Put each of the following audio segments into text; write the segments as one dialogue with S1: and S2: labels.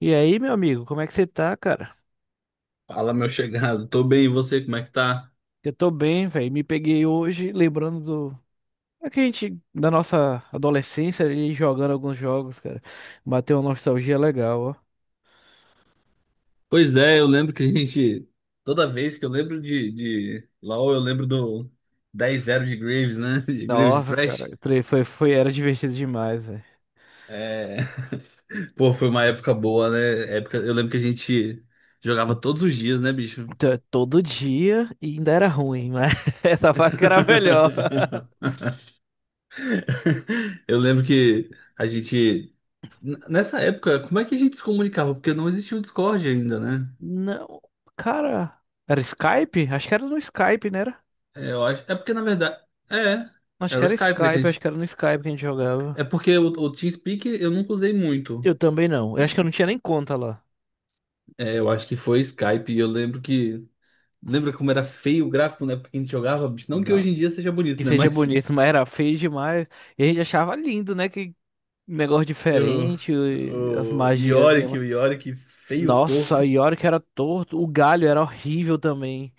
S1: E aí, meu amigo, como é que você tá, cara?
S2: Fala, meu chegado. Tô bem, e você, como é que tá?
S1: Eu tô bem, velho. Me peguei hoje lembrando do. É que a gente, da nossa adolescência, ali jogando alguns jogos, cara. Bateu uma nostalgia legal, ó.
S2: Pois é, eu lembro que a gente. Toda vez que eu lembro de LOL, eu lembro do 10-0 de Graves, né? De Graves
S1: Nossa, cara,
S2: Trash.
S1: foi, era divertido demais, velho.
S2: É... Pô, foi uma época boa, né? Época... Eu lembro que a gente jogava todos os dias, né, bicho?
S1: Então, é todo dia e ainda era ruim, mas essa parte que era melhor.
S2: Eu lembro que a gente. Nessa época, como é que a gente se comunicava? Porque não existia o Discord ainda, né?
S1: Não, cara, era Skype? Acho que era no Skype, né? Era?
S2: É, eu acho. É porque, na verdade. É.
S1: Acho
S2: Era
S1: que
S2: o
S1: era
S2: Skype, né? que a
S1: Skype, acho
S2: gente-
S1: que era no Skype que a gente jogava.
S2: É porque o TeamSpeak eu nunca usei muito.
S1: Eu também não. Eu acho que eu não tinha nem conta lá.
S2: É, eu acho que foi Skype e eu lembro que. Lembra como era feio o gráfico na época que a gente jogava? Bicho, não que hoje em dia seja
S1: Que
S2: bonito, né?
S1: seja
S2: Mas.
S1: bonito, mas era feio demais. E a gente achava lindo, né? Que negócio
S2: Eu,
S1: diferente, e as magias.
S2: O Yorick feio,
S1: Nossa,
S2: torto.
S1: e a hora que era torto. O galho era horrível também.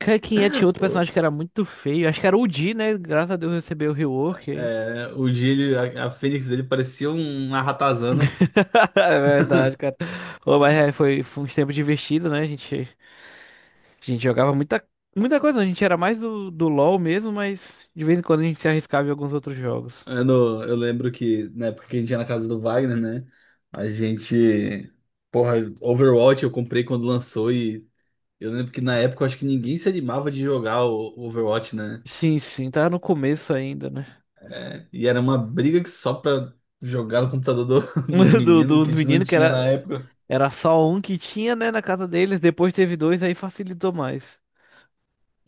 S1: Quem é? Tinha outro
S2: O,
S1: personagem que era muito feio. Acho que era o Di, né? Graças a Deus recebeu o rework aí.
S2: é, o Gilly, a Fênix dele parecia uma ratazana.
S1: É verdade, cara. Ô, mas é, foi uns tempos divertidos, né? A gente jogava muita, muita coisa. A gente era mais do LoL mesmo, mas de vez em quando a gente se arriscava em alguns outros jogos.
S2: Eu, não- eu lembro que na época que a gente ia na casa do Wagner, né? A gente. Porra, Overwatch eu comprei quando lançou e eu lembro que na época eu acho que ninguém se animava de jogar o Overwatch, né?
S1: Sim, sim, tava no começo ainda, né?
S2: É, e era uma briga que só pra jogar no computador dos
S1: do-
S2: meninos que
S1: dos
S2: a gente não
S1: meninos, que
S2: tinha na
S1: era,
S2: época.
S1: era só um que tinha, né, na casa deles, depois teve dois, aí facilitou mais.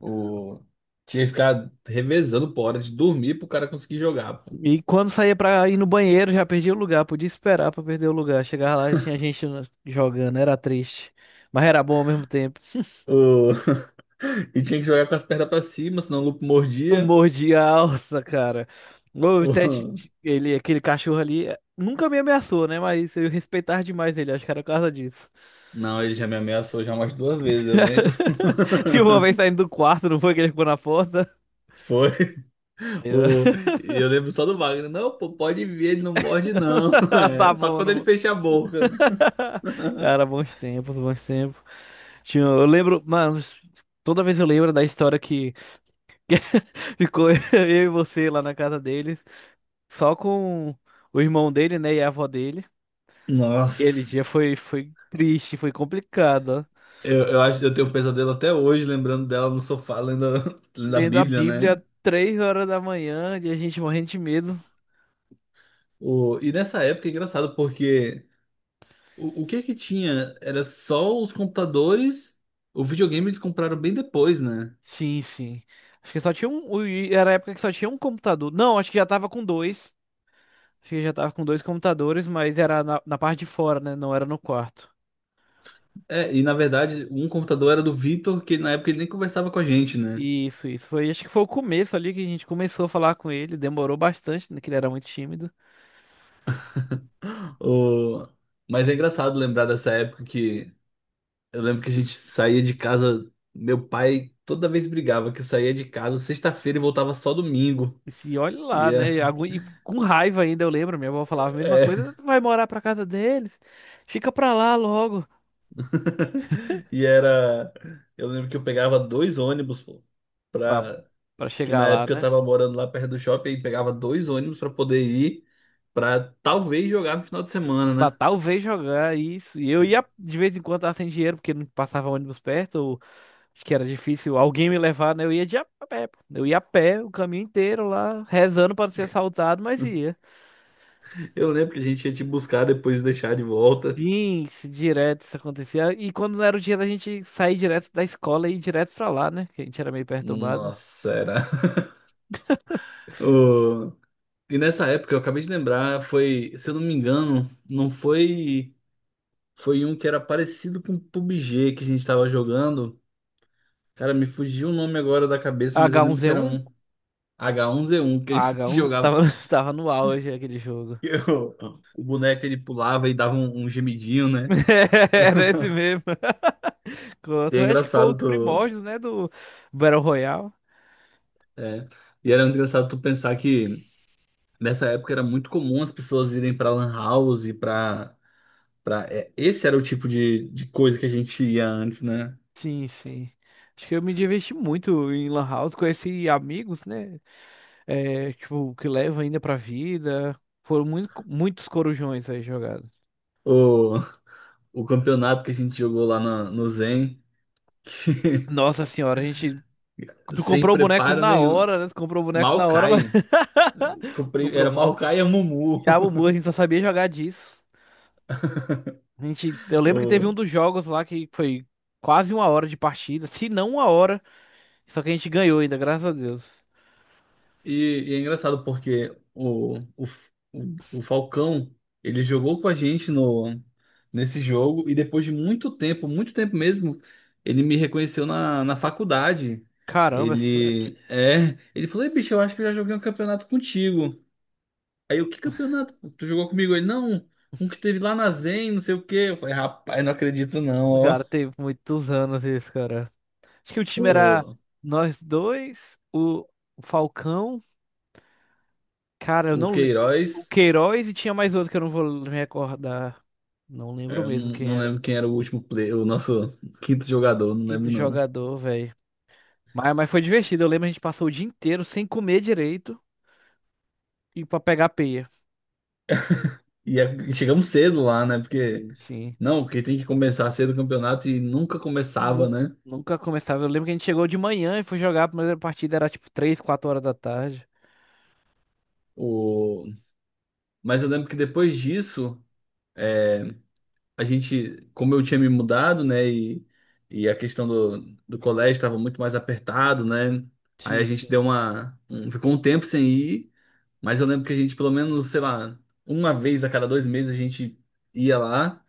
S2: O... Tinha que ficar revezando por hora de dormir pro cara conseguir jogar, pô.
S1: E quando saía pra ir no banheiro, já perdia o lugar, podia esperar pra perder o lugar. Chegava lá, já tinha gente jogando, era triste, mas era bom ao mesmo tempo.
S2: O- E tinha que jogar com as pernas pra cima, senão o lupo
S1: Eu
S2: mordia.
S1: mordi a alça, cara. O Ted,
S2: O-
S1: ele, aquele cachorro ali, nunca me ameaçou, né, mas eu respeitava demais ele, acho que era por causa disso.
S2: Não, ele já me ameaçou já umas 2 vezes, eu lembro.
S1: Se uma vez saindo do quarto, não foi que ele ficou na porta?
S2: Foi.
S1: Eu.
S2: O, e eu lembro só do Wagner. Não, pô, pode vir, ele não morde, não.
S1: Tá
S2: É, só
S1: bom,
S2: quando
S1: não
S2: ele
S1: vou.
S2: fecha a boca. Né?
S1: Cara, bons tempos, bons tempos. Tinha, eu lembro, mano, toda vez eu lembro da história que ficou eu e você lá na casa dele, só com o irmão dele, né, e a avó dele. Aquele
S2: Nossa.
S1: dia foi triste, foi complicado, ó.
S2: Eu acho que eu tenho um pesadelo até hoje, lembrando dela no sofá, lendo a
S1: Lendo a
S2: Bíblia, né?
S1: Bíblia 3 horas da manhã e a gente morrendo de medo.
S2: O, e nessa época é engraçado, porque o que é que tinha? Era só os computadores, o videogame eles compraram bem depois, né?
S1: Sim, sim. Acho que só tinha um. Era a época que só tinha um computador. Não, acho que já tava com dois. Acho que já tava com dois computadores, mas era na parte de fora, né? Não era no quarto.
S2: É, e na verdade, um computador era do Vitor, que na época ele nem conversava com a gente, né?
S1: Isso, isso. Foi, acho que foi o começo ali que a gente começou a falar com ele. Demorou bastante, né? Que ele era muito tímido.
S2: O, mas é engraçado lembrar dessa época que. Eu lembro que a gente saía de casa. Meu pai toda vez brigava que eu saía de casa sexta-feira e voltava só domingo.
S1: E se olha lá,
S2: E,
S1: né? E com raiva ainda, eu lembro. Minha avó falava a mesma
S2: é,
S1: coisa. Tu vai morar pra casa deles? Fica pra lá logo.
S2: e era. Eu lembro que eu pegava 2 ônibus, pô,
S1: Pra,
S2: pra,
S1: pra
S2: que
S1: chegar
S2: na
S1: lá,
S2: época eu
S1: né?
S2: tava morando lá perto do shopping e pegava 2 ônibus pra poder ir, pra talvez jogar no final de semana,
S1: Pra
S2: né?
S1: talvez jogar isso. E eu ia de vez em quando tava sem dinheiro, porque não passava ônibus perto. Ou acho que era difícil alguém me levar, né? Eu ia de a pé, pô. Eu ia a pé o caminho inteiro lá, rezando pra não ser assaltado, mas ia.
S2: Eu lembro que a gente ia te buscar depois de deixar de volta.
S1: Sim, direto isso acontecia. E quando era o dia da gente sair direto da escola e ir direto pra lá, né? Que a gente era meio perturbado.
S2: Nossa, era. o- E nessa época, eu acabei de lembrar, foi, se eu não me engano, não foi. Foi um que era parecido com o PUBG que a gente tava jogando. Cara, me fugiu o nome agora da cabeça, mas eu lembro que era
S1: H1Z1?
S2: um H1Z1 que a
S1: Ah,
S2: gente
S1: H1
S2: jogava.
S1: tava, tava no auge aquele jogo.
S2: E o boneco ele pulava e dava um gemidinho, né?
S1: Era esse mesmo.
S2: E é
S1: Contra. Acho que foi
S2: engraçado
S1: os
S2: tu.
S1: primórdios, né, do Battle Royale.
S2: É. E era muito engraçado tu pensar que nessa época era muito comum as pessoas irem pra Lan House, pra. Esse era o tipo de coisa que a gente ia antes, né?
S1: Sim, sim. Acho que eu me diverti muito em Lan House, conheci amigos, né? É, tipo, que levam ainda pra vida. Foram muito, muitos corujões aí jogados.
S2: O, o campeonato que a gente jogou lá no Zen.
S1: Nossa senhora, a gente Tu
S2: sem
S1: comprou o boneco
S2: preparo
S1: na
S2: nenhum.
S1: hora, né? Tu comprou o boneco na hora, mas
S2: Maokai. Comprei,
S1: comprou
S2: era
S1: mal.
S2: Maokai e a Mumu.
S1: Diabo Mu, a gente só sabia jogar disso. A gente, eu lembro que teve um
S2: O-
S1: dos jogos lá que foi quase uma hora de partida, se não uma hora, só que a gente ganhou ainda, graças a Deus.
S2: E, e é engraçado porque o Falcão, ele jogou com a gente no, nesse jogo e depois de muito tempo mesmo, ele me reconheceu na faculdade.
S1: Caramba,
S2: Ele, é, ele falou, Ei, bicho, eu acho que eu já joguei um campeonato contigo. Aí eu, que campeonato? Tu jogou comigo? Ele, não, um que teve lá na Zen, não sei o quê. Eu falei, rapaz, não acredito não,
S1: cara,
S2: ó.
S1: teve muitos anos isso, cara. Acho que o time era nós dois, o Falcão, cara, eu
S2: O
S1: não lembro. O
S2: Queiroz,
S1: Queiroz e tinha mais outro que eu não vou me recordar. Não
S2: é,
S1: lembro
S2: eu não,
S1: mesmo quem
S2: não
S1: era.
S2: lembro quem era o último player, o nosso quinto jogador, não
S1: Quinto
S2: lembro não.
S1: jogador, velho. Mas foi divertido. Eu lembro a gente passou o dia inteiro sem comer direito e pra pegar peia.
S2: E é- chegamos cedo lá, né? Porque,
S1: Sim. Sim.
S2: não, porque tem que começar cedo o campeonato e nunca começava,
S1: Nu-
S2: né?
S1: Nunca começava. Eu lembro que a gente chegou de manhã e foi jogar. A primeira partida era tipo 3 4 horas da tarde.
S2: O... Mas eu lembro que depois disso, é, a gente, como eu tinha me mudado, né? E a questão do colégio estava muito mais apertado, né? Aí a
S1: Sim.
S2: gente
S1: Sim.
S2: deu uma. Ficou um tempo sem ir, mas eu lembro que a gente, pelo menos, sei lá, uma vez a cada 2 meses a gente ia lá.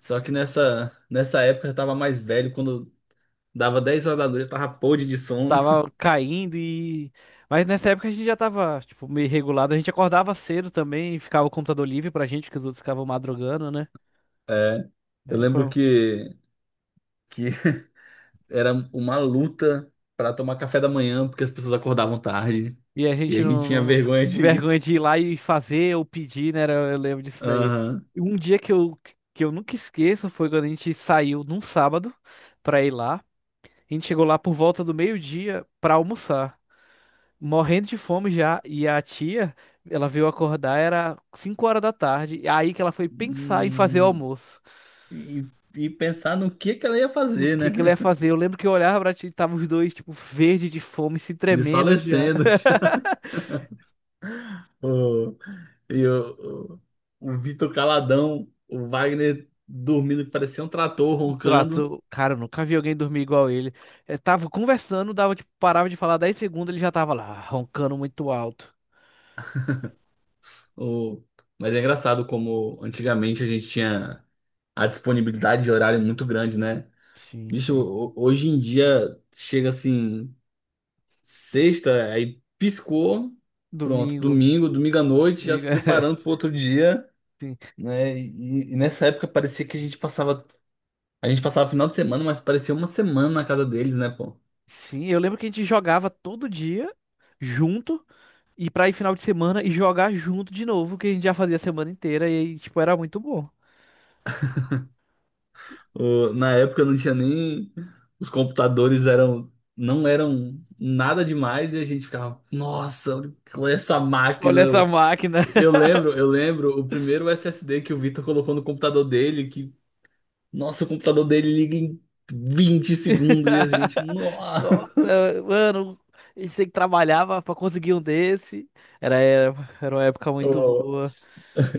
S2: Só que nessa época eu tava mais velho, quando dava 10 horas da noite eu tava podre de sono.
S1: Tava caindo e. Mas nessa época a gente já tava, tipo, meio regulado. A gente acordava cedo também e ficava o computador livre pra gente, porque os outros ficavam madrugando, né?
S2: É, eu
S1: Era,
S2: lembro
S1: foi,
S2: que, que era uma luta pra tomar café da manhã, porque as pessoas acordavam tarde
S1: e a
S2: e
S1: gente
S2: a gente
S1: não,
S2: tinha
S1: não fica
S2: vergonha
S1: com
S2: de ir.
S1: vergonha de ir lá e fazer ou pedir, né? Eu lembro disso daí.
S2: Aham.
S1: E um dia que eu, nunca esqueço foi quando a gente saiu num sábado pra ir lá. A gente chegou lá por volta do meio-dia pra almoçar, morrendo de fome já. E a tia, ela veio acordar, era 5 horas da tarde. E aí que ela foi pensar em fazer o
S2: Hum.
S1: almoço.
S2: E, e pensar no que ela ia
S1: O
S2: fazer, né?
S1: que que ela ia fazer? Eu lembro que eu olhava pra tia e tava os dois, tipo, verde de fome, se tremendo já.
S2: Desfalecendo já. O- E o Vitor caladão, o Wagner dormindo que parecia um trator roncando.
S1: Trato, cara, eu nunca vi alguém dormir igual ele. Eu tava conversando, dava, tipo, parava de falar 10 segundos, ele já tava lá, ah, roncando muito alto.
S2: O... Mas é engraçado como antigamente a gente tinha a disponibilidade de horário muito grande, né?
S1: Sim,
S2: Bicho,
S1: sim.
S2: hoje em dia chega assim, sexta, aí piscou, pronto,
S1: Domingo,
S2: domingo, domingo à noite, já se
S1: domingo,
S2: preparando para outro dia,
S1: sim.
S2: né? E nessa época parecia que a gente passava o final de semana, mas parecia uma semana na casa deles, né, pô?
S1: Sim, eu lembro que a gente jogava todo dia junto e pra ir final de semana e jogar junto de novo, que a gente já fazia a semana inteira e, aí, tipo, era muito bom.
S2: Na época não tinha nem. Os computadores eram. Não eram nada demais e a gente ficava, nossa, olha essa máquina.
S1: Olha essa
S2: Eu,
S1: máquina.
S2: eu lembro, eu lembro o primeiro SSD que o Vitor colocou no computador dele, que, nossa, o computador dele liga em 20 segundos e a gente, nossa.
S1: Nossa, mano, a gente sempre trabalhava pra conseguir um desse. Era, era, era uma época muito
S2: Eu
S1: boa.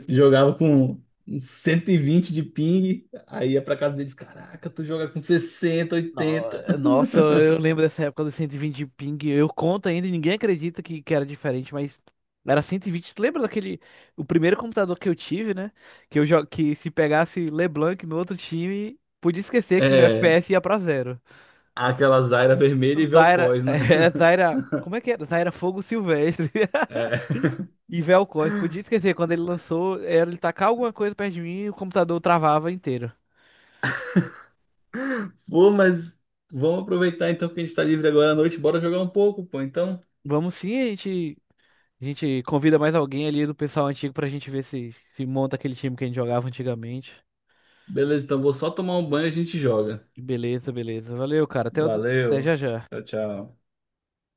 S2: jogava com 120 de ping, aí ia pra casa deles, caraca, tu joga com 60 80.
S1: No- Nossa, eu lembro dessa época dos 120 de ping. Eu conto ainda e ninguém acredita que era diferente, mas era 120. Tu lembra daquele. O primeiro computador que eu tive, né? Que se pegasse LeBlanc no outro time, podia esquecer que meu
S2: É,
S1: FPS ia pra zero.
S2: aquelas Zyra vermelha e
S1: Zaira.
S2: Vel'Koz, né?
S1: É, Zaira. Como é que era? Zaira Fogo Silvestre.
S2: É.
S1: E Vel'Koz. Podia esquecer, quando ele lançou, era ele tacar alguma coisa perto de mim e o computador travava inteiro.
S2: Pô, mas vamos aproveitar então que a gente tá livre agora à noite. Bora jogar um pouco, pô. Então,
S1: Vamos sim, a gente. A gente convida mais alguém ali do pessoal antigo pra gente ver se monta aquele time que a gente jogava antigamente.
S2: beleza. Então vou só tomar um banho e a gente joga.
S1: Beleza, beleza. Valeu, cara. Até, até
S2: Valeu.
S1: já já.
S2: Tchau, tchau.